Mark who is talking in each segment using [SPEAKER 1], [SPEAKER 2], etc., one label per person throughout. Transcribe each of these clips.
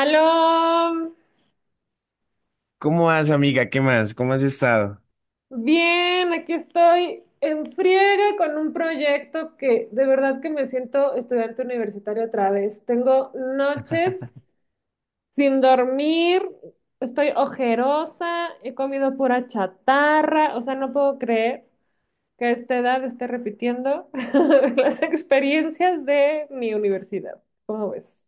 [SPEAKER 1] Aló,
[SPEAKER 2] ¿Cómo vas, amiga? ¿Qué más? ¿Cómo has estado?
[SPEAKER 1] bien, aquí estoy en friega con un proyecto que de verdad que me siento estudiante universitario otra vez. Tengo noches sin dormir, estoy ojerosa, he comido pura chatarra, o sea, no puedo creer que a esta edad esté repitiendo las experiencias de mi universidad. ¿Cómo ves?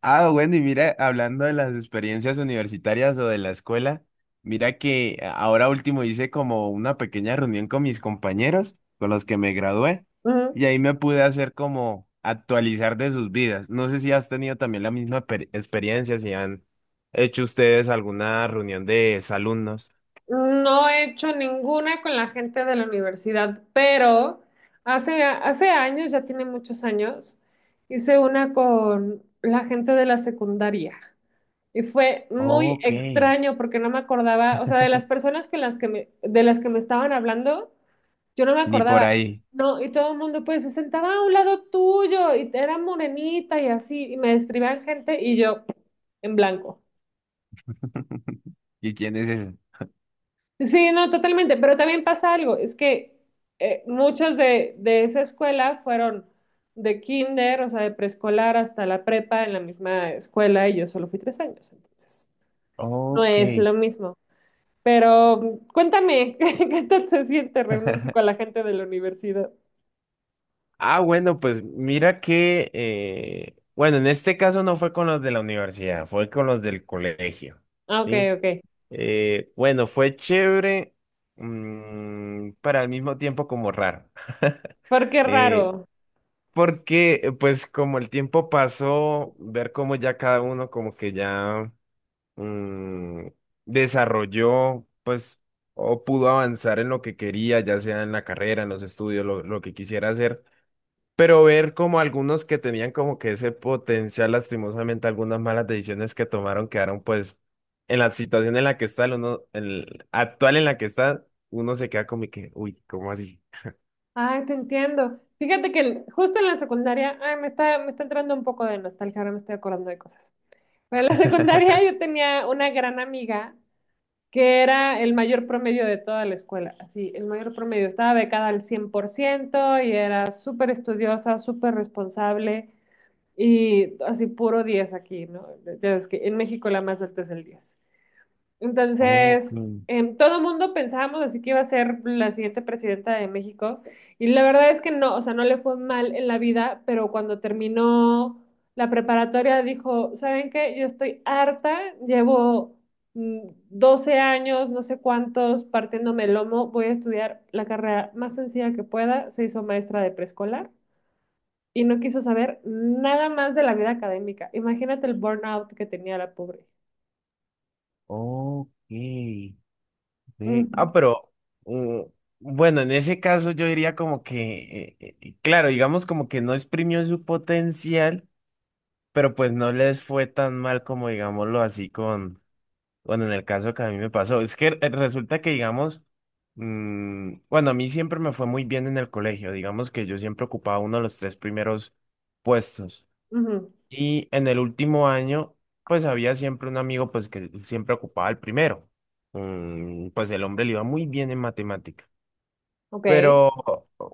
[SPEAKER 2] Ah, bueno, y mira, hablando de las experiencias universitarias o de la escuela, mira que ahora último hice como una pequeña reunión con mis compañeros, con los que me gradué, y ahí me pude hacer como actualizar de sus vidas. No sé si has tenido también la misma experiencia, si han hecho ustedes alguna reunión de exalumnos.
[SPEAKER 1] No he hecho ninguna con la gente de la universidad, pero hace años, ya tiene muchos años, hice una con la gente de la secundaria. Y fue muy
[SPEAKER 2] Ok,
[SPEAKER 1] extraño porque no me acordaba, o sea, de las personas con las que me, de las que me estaban hablando, yo no me
[SPEAKER 2] ni por
[SPEAKER 1] acordaba.
[SPEAKER 2] ahí.
[SPEAKER 1] No, y todo el mundo pues se sentaba a un lado tuyo y era morenita y así, y me describían gente y yo en blanco.
[SPEAKER 2] ¿Y quién es ese?
[SPEAKER 1] Sí, no, totalmente, pero también pasa algo, es que muchos de esa escuela fueron de kinder, o sea, de preescolar hasta la prepa en la misma escuela y yo solo fui tres años, entonces no
[SPEAKER 2] Ok.
[SPEAKER 1] es lo mismo. Pero cuéntame, ¿qué tal se siente reunirse con la gente de la universidad?
[SPEAKER 2] Ah, bueno, pues mira que, bueno, en este caso no fue con los de la universidad, fue con los del colegio,
[SPEAKER 1] Ah, ok,
[SPEAKER 2] ¿sí? Bueno, fue chévere, pero al mismo tiempo como raro.
[SPEAKER 1] porque
[SPEAKER 2] Eh,
[SPEAKER 1] raro.
[SPEAKER 2] porque, pues como el tiempo pasó, ver cómo ya cada uno como que ya mm, desarrolló, pues, o pudo avanzar en lo que quería, ya sea en la carrera, en los estudios, lo que quisiera hacer. Pero ver como algunos que tenían como que ese potencial, lastimosamente, algunas malas decisiones que tomaron quedaron pues en la situación en la que está, el uno, el actual en la que está, uno se queda como que, uy, ¿cómo así?
[SPEAKER 1] Ay, te entiendo. Fíjate que justo en la secundaria, ay, me está entrando un poco de nostalgia, ahora me estoy acordando de cosas. Pero en la secundaria yo tenía una gran amiga que era el mayor promedio de toda la escuela, así, el mayor promedio. Estaba becada al 100% y era súper estudiosa, súper responsable y así puro 10 aquí, ¿no? Ya ves que en México la más alta es el 10.
[SPEAKER 2] Ok,
[SPEAKER 1] Entonces, todo mundo pensábamos así que iba a ser la siguiente presidenta de México y la verdad es que no, o sea, no le fue mal en la vida, pero cuando terminó la preparatoria dijo, ¿saben qué? Yo estoy harta, llevo 12 años, no sé cuántos, partiéndome el lomo, voy a estudiar la carrera más sencilla que pueda, se hizo maestra de preescolar. Y no quiso saber nada más de la vida académica. Imagínate el burnout que tenía la pobre.
[SPEAKER 2] ok. Ve,
[SPEAKER 1] Ujú,
[SPEAKER 2] ah, pero mm, bueno, en ese caso yo diría como que, claro, digamos como que no exprimió su potencial, pero pues no les fue tan mal como digámoslo así. Bueno, en el caso que a mí me pasó, es que resulta que, digamos, bueno, a mí siempre me fue muy bien en el colegio, digamos que yo siempre ocupaba uno de los tres primeros puestos.
[SPEAKER 1] ujú.
[SPEAKER 2] Y en el último año, pues había siempre un amigo, pues que siempre ocupaba el primero. Pues el hombre le iba muy bien en matemática.
[SPEAKER 1] Ok.
[SPEAKER 2] Pero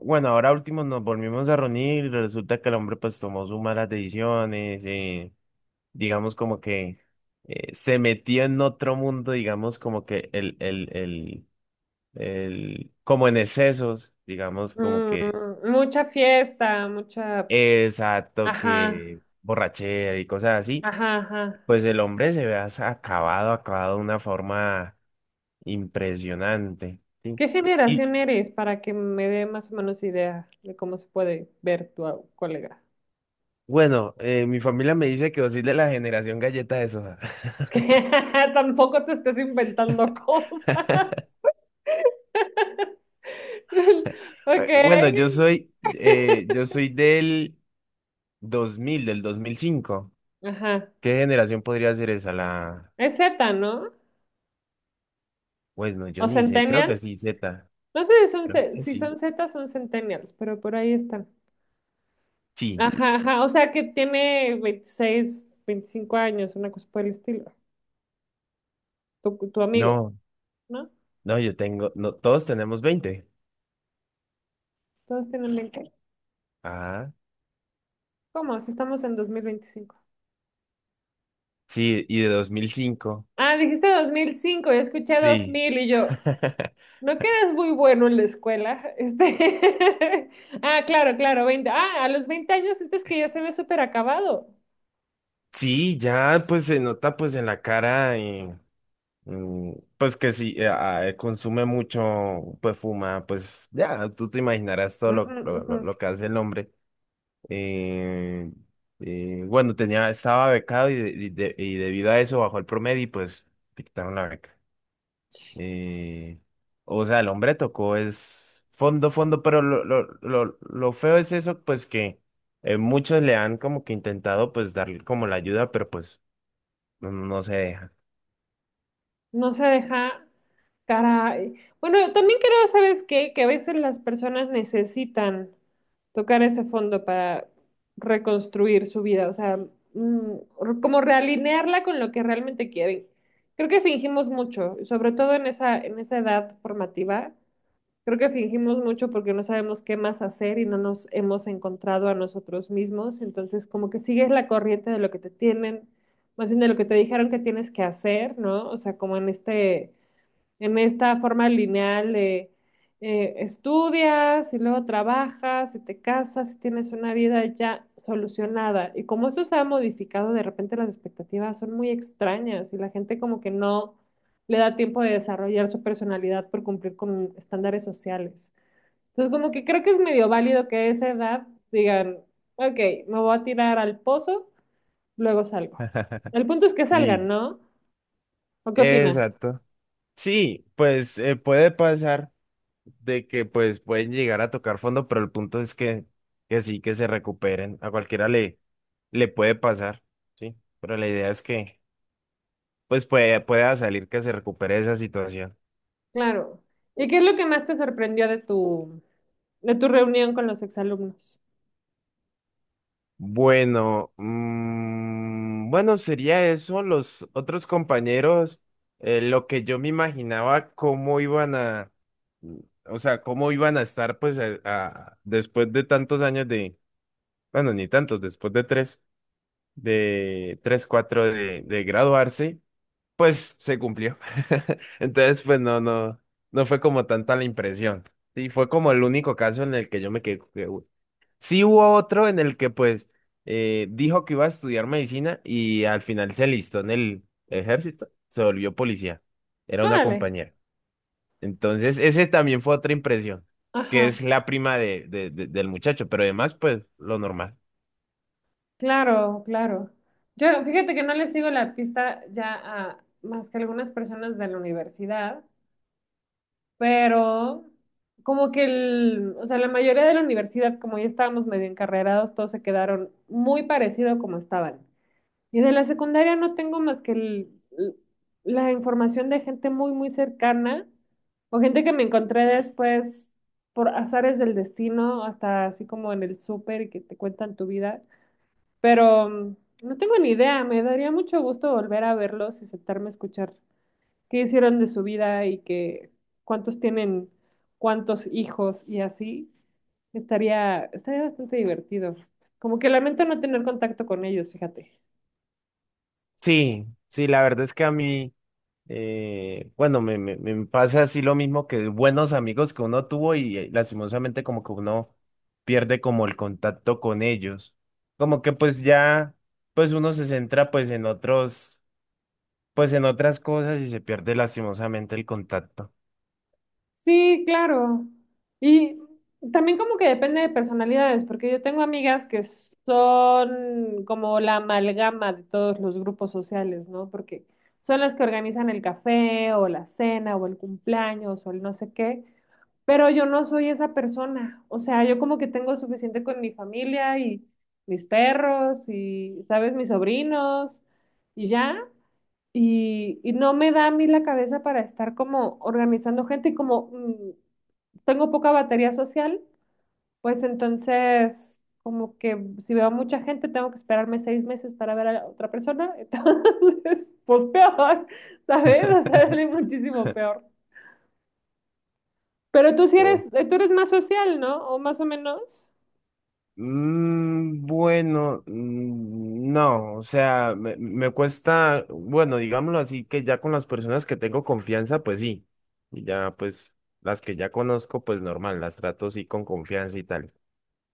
[SPEAKER 2] bueno, ahora último nos volvimos a reunir y resulta que el hombre pues tomó sus malas decisiones. Digamos, como que se metió en otro mundo, digamos, como que como en excesos, digamos, como que.
[SPEAKER 1] Mm, mucha fiesta, mucha...
[SPEAKER 2] Exacto,
[SPEAKER 1] Ajá,
[SPEAKER 2] que borrachera y cosas así,
[SPEAKER 1] ajá, ajá.
[SPEAKER 2] pues el hombre se ve acabado, acabado de una forma impresionante, ¿sí?
[SPEAKER 1] ¿Qué
[SPEAKER 2] Y
[SPEAKER 1] generación eres para que me dé más o menos idea de cómo se puede ver tu colega?
[SPEAKER 2] bueno, mi familia me dice que vos sois de la generación galleta de soda.
[SPEAKER 1] Que tampoco te estés inventando cosas. Ok.
[SPEAKER 2] Bueno, yo soy del 2005.
[SPEAKER 1] Ajá.
[SPEAKER 2] ¿Qué generación podría ser esa? La,
[SPEAKER 1] Es Z, ¿no?
[SPEAKER 2] pues no, yo
[SPEAKER 1] ¿O
[SPEAKER 2] ni sé, creo que sí,
[SPEAKER 1] Centennials?
[SPEAKER 2] Z,
[SPEAKER 1] No sé si son,
[SPEAKER 2] creo que
[SPEAKER 1] si
[SPEAKER 2] sí.
[SPEAKER 1] son Z, son Centennials, pero por ahí están.
[SPEAKER 2] Sí,
[SPEAKER 1] Ajá, ajá. O sea que tiene 26 25 años, una cosa por el estilo. Tu amigo.
[SPEAKER 2] no,
[SPEAKER 1] ¿No?
[SPEAKER 2] no, yo tengo, no, todos tenemos 20.
[SPEAKER 1] Todos tienen 20.
[SPEAKER 2] Ah,
[SPEAKER 1] ¿Cómo? Si estamos en dos mil veinticinco.
[SPEAKER 2] sí, y de 2005.
[SPEAKER 1] Ah, dijiste 2005, ya escuché dos
[SPEAKER 2] Sí.
[SPEAKER 1] mil y yo, ¿no que eres muy bueno en la escuela? Este... Ah, claro, claro, veinte. Ah, a los 20 años sientes que ya se ve súper acabado.
[SPEAKER 2] Sí, ya pues se nota pues en la cara y mm, pues que sí, consume mucho, pues fuma, pues ya, tú te imaginarás todo lo que hace el hombre. Eh, bueno, tenía, estaba becado y, y debido a eso bajó el promedio y pues le quitaron la beca. Eh, o sea, el hombre tocó es fondo, fondo, pero lo feo es eso, pues que muchos le han como que intentado pues darle como la ayuda, pero pues no, no se deja.
[SPEAKER 1] No se deja, caray. Bueno, yo también creo, ¿sabes qué? Que a veces las personas necesitan tocar ese fondo para reconstruir su vida, o sea, mm, como realinearla con lo que realmente quieren. Creo que fingimos mucho, sobre todo en en esa edad formativa. Creo que fingimos mucho porque no sabemos qué más hacer y no nos hemos encontrado a nosotros mismos. Entonces, como que sigues la corriente de lo que te tienen, más bien de lo que te dijeron que tienes que hacer, ¿no? O sea, como en en esta forma lineal de estudias y luego trabajas y te casas y tienes una vida ya solucionada. Y como eso se ha modificado, de repente las expectativas son muy extrañas y la gente como que no le da tiempo de desarrollar su personalidad por cumplir con estándares sociales. Entonces, como que creo que es medio válido que a esa edad digan, ok, me voy a tirar al pozo, luego salgo. El punto es que salgan,
[SPEAKER 2] Sí,
[SPEAKER 1] ¿no? ¿O qué opinas?
[SPEAKER 2] exacto. Sí, pues puede pasar. De que pues pueden llegar a tocar fondo, pero el punto es que sí, que se recuperen. A cualquiera le, puede pasar, ¿sí? Pero la idea es que pues pueda salir que se recupere esa situación.
[SPEAKER 1] Claro. ¿Y qué es lo que más te sorprendió de de tu reunión con los exalumnos?
[SPEAKER 2] Bueno, bueno, sería eso. Los otros compañeros, lo que yo me imaginaba cómo iban a, mm, o sea, cómo iban a estar pues después de tantos años de, bueno, ni tantos, después de tres. De 3 4 de, graduarse, pues se cumplió. Entonces, pues no, no, no fue como tanta la impresión. Sí, fue como el único caso en el que yo me quedé, que, "Uy". Sí hubo otro en el que pues dijo que iba a estudiar medicina y al final se alistó en el ejército, se volvió policía. Era una
[SPEAKER 1] Órale.
[SPEAKER 2] compañera. Entonces, ese también fue otra impresión, que
[SPEAKER 1] Ajá.
[SPEAKER 2] es la prima de, del muchacho, pero además, pues lo normal.
[SPEAKER 1] Claro, claro. Yo, fíjate que no le sigo la pista ya a más que algunas personas de la universidad, pero como que o sea, la mayoría de la universidad, como ya estábamos medio encarrerados, todos se quedaron muy parecido como estaban. Y de la secundaria no tengo más que l- la información de gente muy cercana o gente que me encontré después por azares del destino, hasta así como en el súper y que te cuentan tu vida. Pero no tengo ni idea, me daría mucho gusto volver a verlos y sentarme a escuchar qué hicieron de su vida y que cuántos tienen, cuántos hijos y así. Estaría bastante divertido. Como que lamento no tener contacto con ellos, fíjate.
[SPEAKER 2] Sí, sí, la verdad es que a mí, bueno, me pasa así lo mismo que buenos amigos que uno tuvo y lastimosamente como que uno pierde como el contacto con ellos. Como que pues ya, pues uno se centra pues en otros, pues en otras cosas y se pierde lastimosamente el contacto.
[SPEAKER 1] Sí, claro. Y también como que depende de personalidades, porque yo tengo amigas que son como la amalgama de todos los grupos sociales, ¿no? Porque son las que organizan el café o la cena o el cumpleaños o el no sé qué, pero yo no soy esa persona. O sea, yo como que tengo suficiente con mi familia y mis perros y, ¿sabes? Mis sobrinos y ya. Y no me da a mí la cabeza para estar como organizando gente y como tengo poca batería social, pues entonces como que si veo a mucha gente tengo que esperarme seis meses para ver a la otra persona, entonces pues peor, ¿sabes? O sea, es muchísimo peor. Pero tú eres más social, ¿no? O más o menos.
[SPEAKER 2] Bueno, no, o sea, me cuesta, bueno, digámoslo así, que ya con las personas que tengo confianza, pues sí, y ya pues las que ya conozco, pues normal, las trato sí con confianza y tal,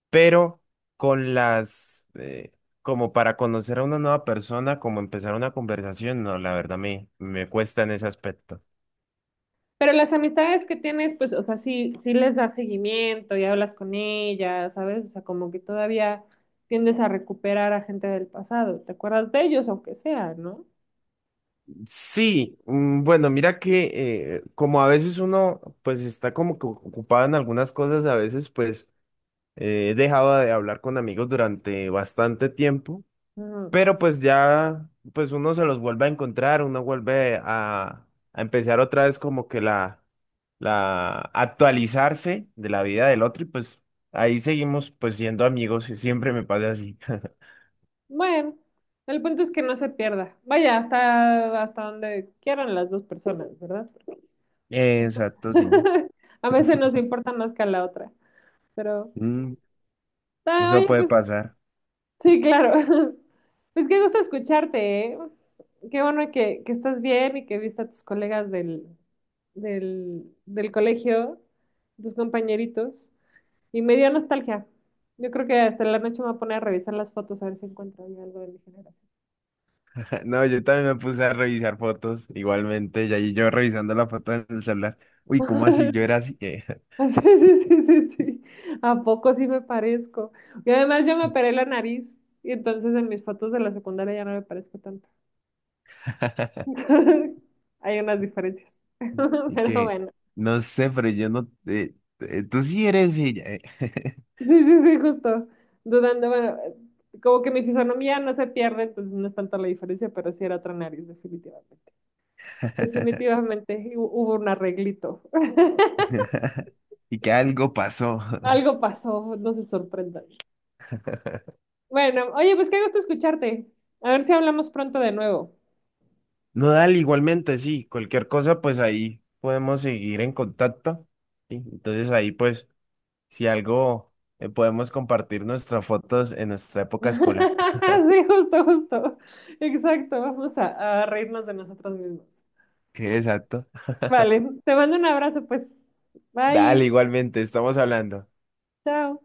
[SPEAKER 2] pero con las, como para conocer a una nueva persona, como empezar una conversación, no, la verdad me cuesta en ese aspecto.
[SPEAKER 1] Pero las amistades que tienes, pues, o sea, sí les das seguimiento y hablas con ellas, ¿sabes? O sea, como que todavía tiendes a recuperar a gente del pasado. ¿Te acuerdas de ellos, aunque sea, no?
[SPEAKER 2] Sí, bueno, mira que como a veces uno pues está como que ocupado en algunas cosas, a veces pues he dejado de hablar con amigos durante bastante tiempo,
[SPEAKER 1] Ujú.
[SPEAKER 2] pero pues ya, pues uno se los vuelve a encontrar, uno vuelve a empezar otra vez como que la actualizarse de la vida del otro y pues ahí seguimos pues siendo amigos y siempre me pasa así.
[SPEAKER 1] Bueno, el punto es que no se pierda. Vaya, hasta donde quieran las dos personas, ¿verdad?
[SPEAKER 2] Exacto, sí.
[SPEAKER 1] A veces nos importa más que a la otra. Pero,
[SPEAKER 2] Mm,
[SPEAKER 1] ah,
[SPEAKER 2] eso
[SPEAKER 1] oye,
[SPEAKER 2] puede
[SPEAKER 1] pues
[SPEAKER 2] pasar.
[SPEAKER 1] sí, claro. Pues qué gusto escucharte, ¿eh? Qué bueno que estás bien y que viste a tus colegas del colegio, tus compañeritos. Y me dio nostalgia. Yo creo que hasta la noche me voy a poner a revisar las fotos a ver si encuentro ahí algo de mi generación.
[SPEAKER 2] No, yo también me puse a revisar fotos igualmente y ahí yo revisando la foto en el celular. Uy, ¿cómo así? Yo era así.
[SPEAKER 1] Sí, sí, sí, sí, sí. ¿A poco sí me parezco? Y además yo me operé la nariz y entonces en mis fotos de la secundaria ya no me parezco tanto. Hay unas diferencias.
[SPEAKER 2] Y
[SPEAKER 1] Pero
[SPEAKER 2] que,
[SPEAKER 1] bueno.
[SPEAKER 2] no sé, pero yo no, tú sí eres ella.
[SPEAKER 1] Sí, sí, sí, justo. Dudando, bueno, como que mi fisonomía no se pierde, entonces no es tanta la diferencia, pero sí era otra nariz, definitivamente. Definitivamente hubo un arreglito.
[SPEAKER 2] Y que algo pasó.
[SPEAKER 1] Algo pasó, no se sorprendan. Bueno, oye, pues qué gusto escucharte. A ver si hablamos pronto de nuevo.
[SPEAKER 2] No, dale, igualmente, sí. Cualquier cosa, pues ahí podemos seguir en contacto. ¿Sí? Entonces ahí, pues, si algo, podemos compartir nuestras fotos en nuestra época escolar.
[SPEAKER 1] Sí, justo, justo. Exacto, vamos a reírnos de nosotros mismos.
[SPEAKER 2] Exacto.
[SPEAKER 1] Vale, te mando un abrazo, pues. Bye,
[SPEAKER 2] Dale, igualmente, estamos hablando.
[SPEAKER 1] chao.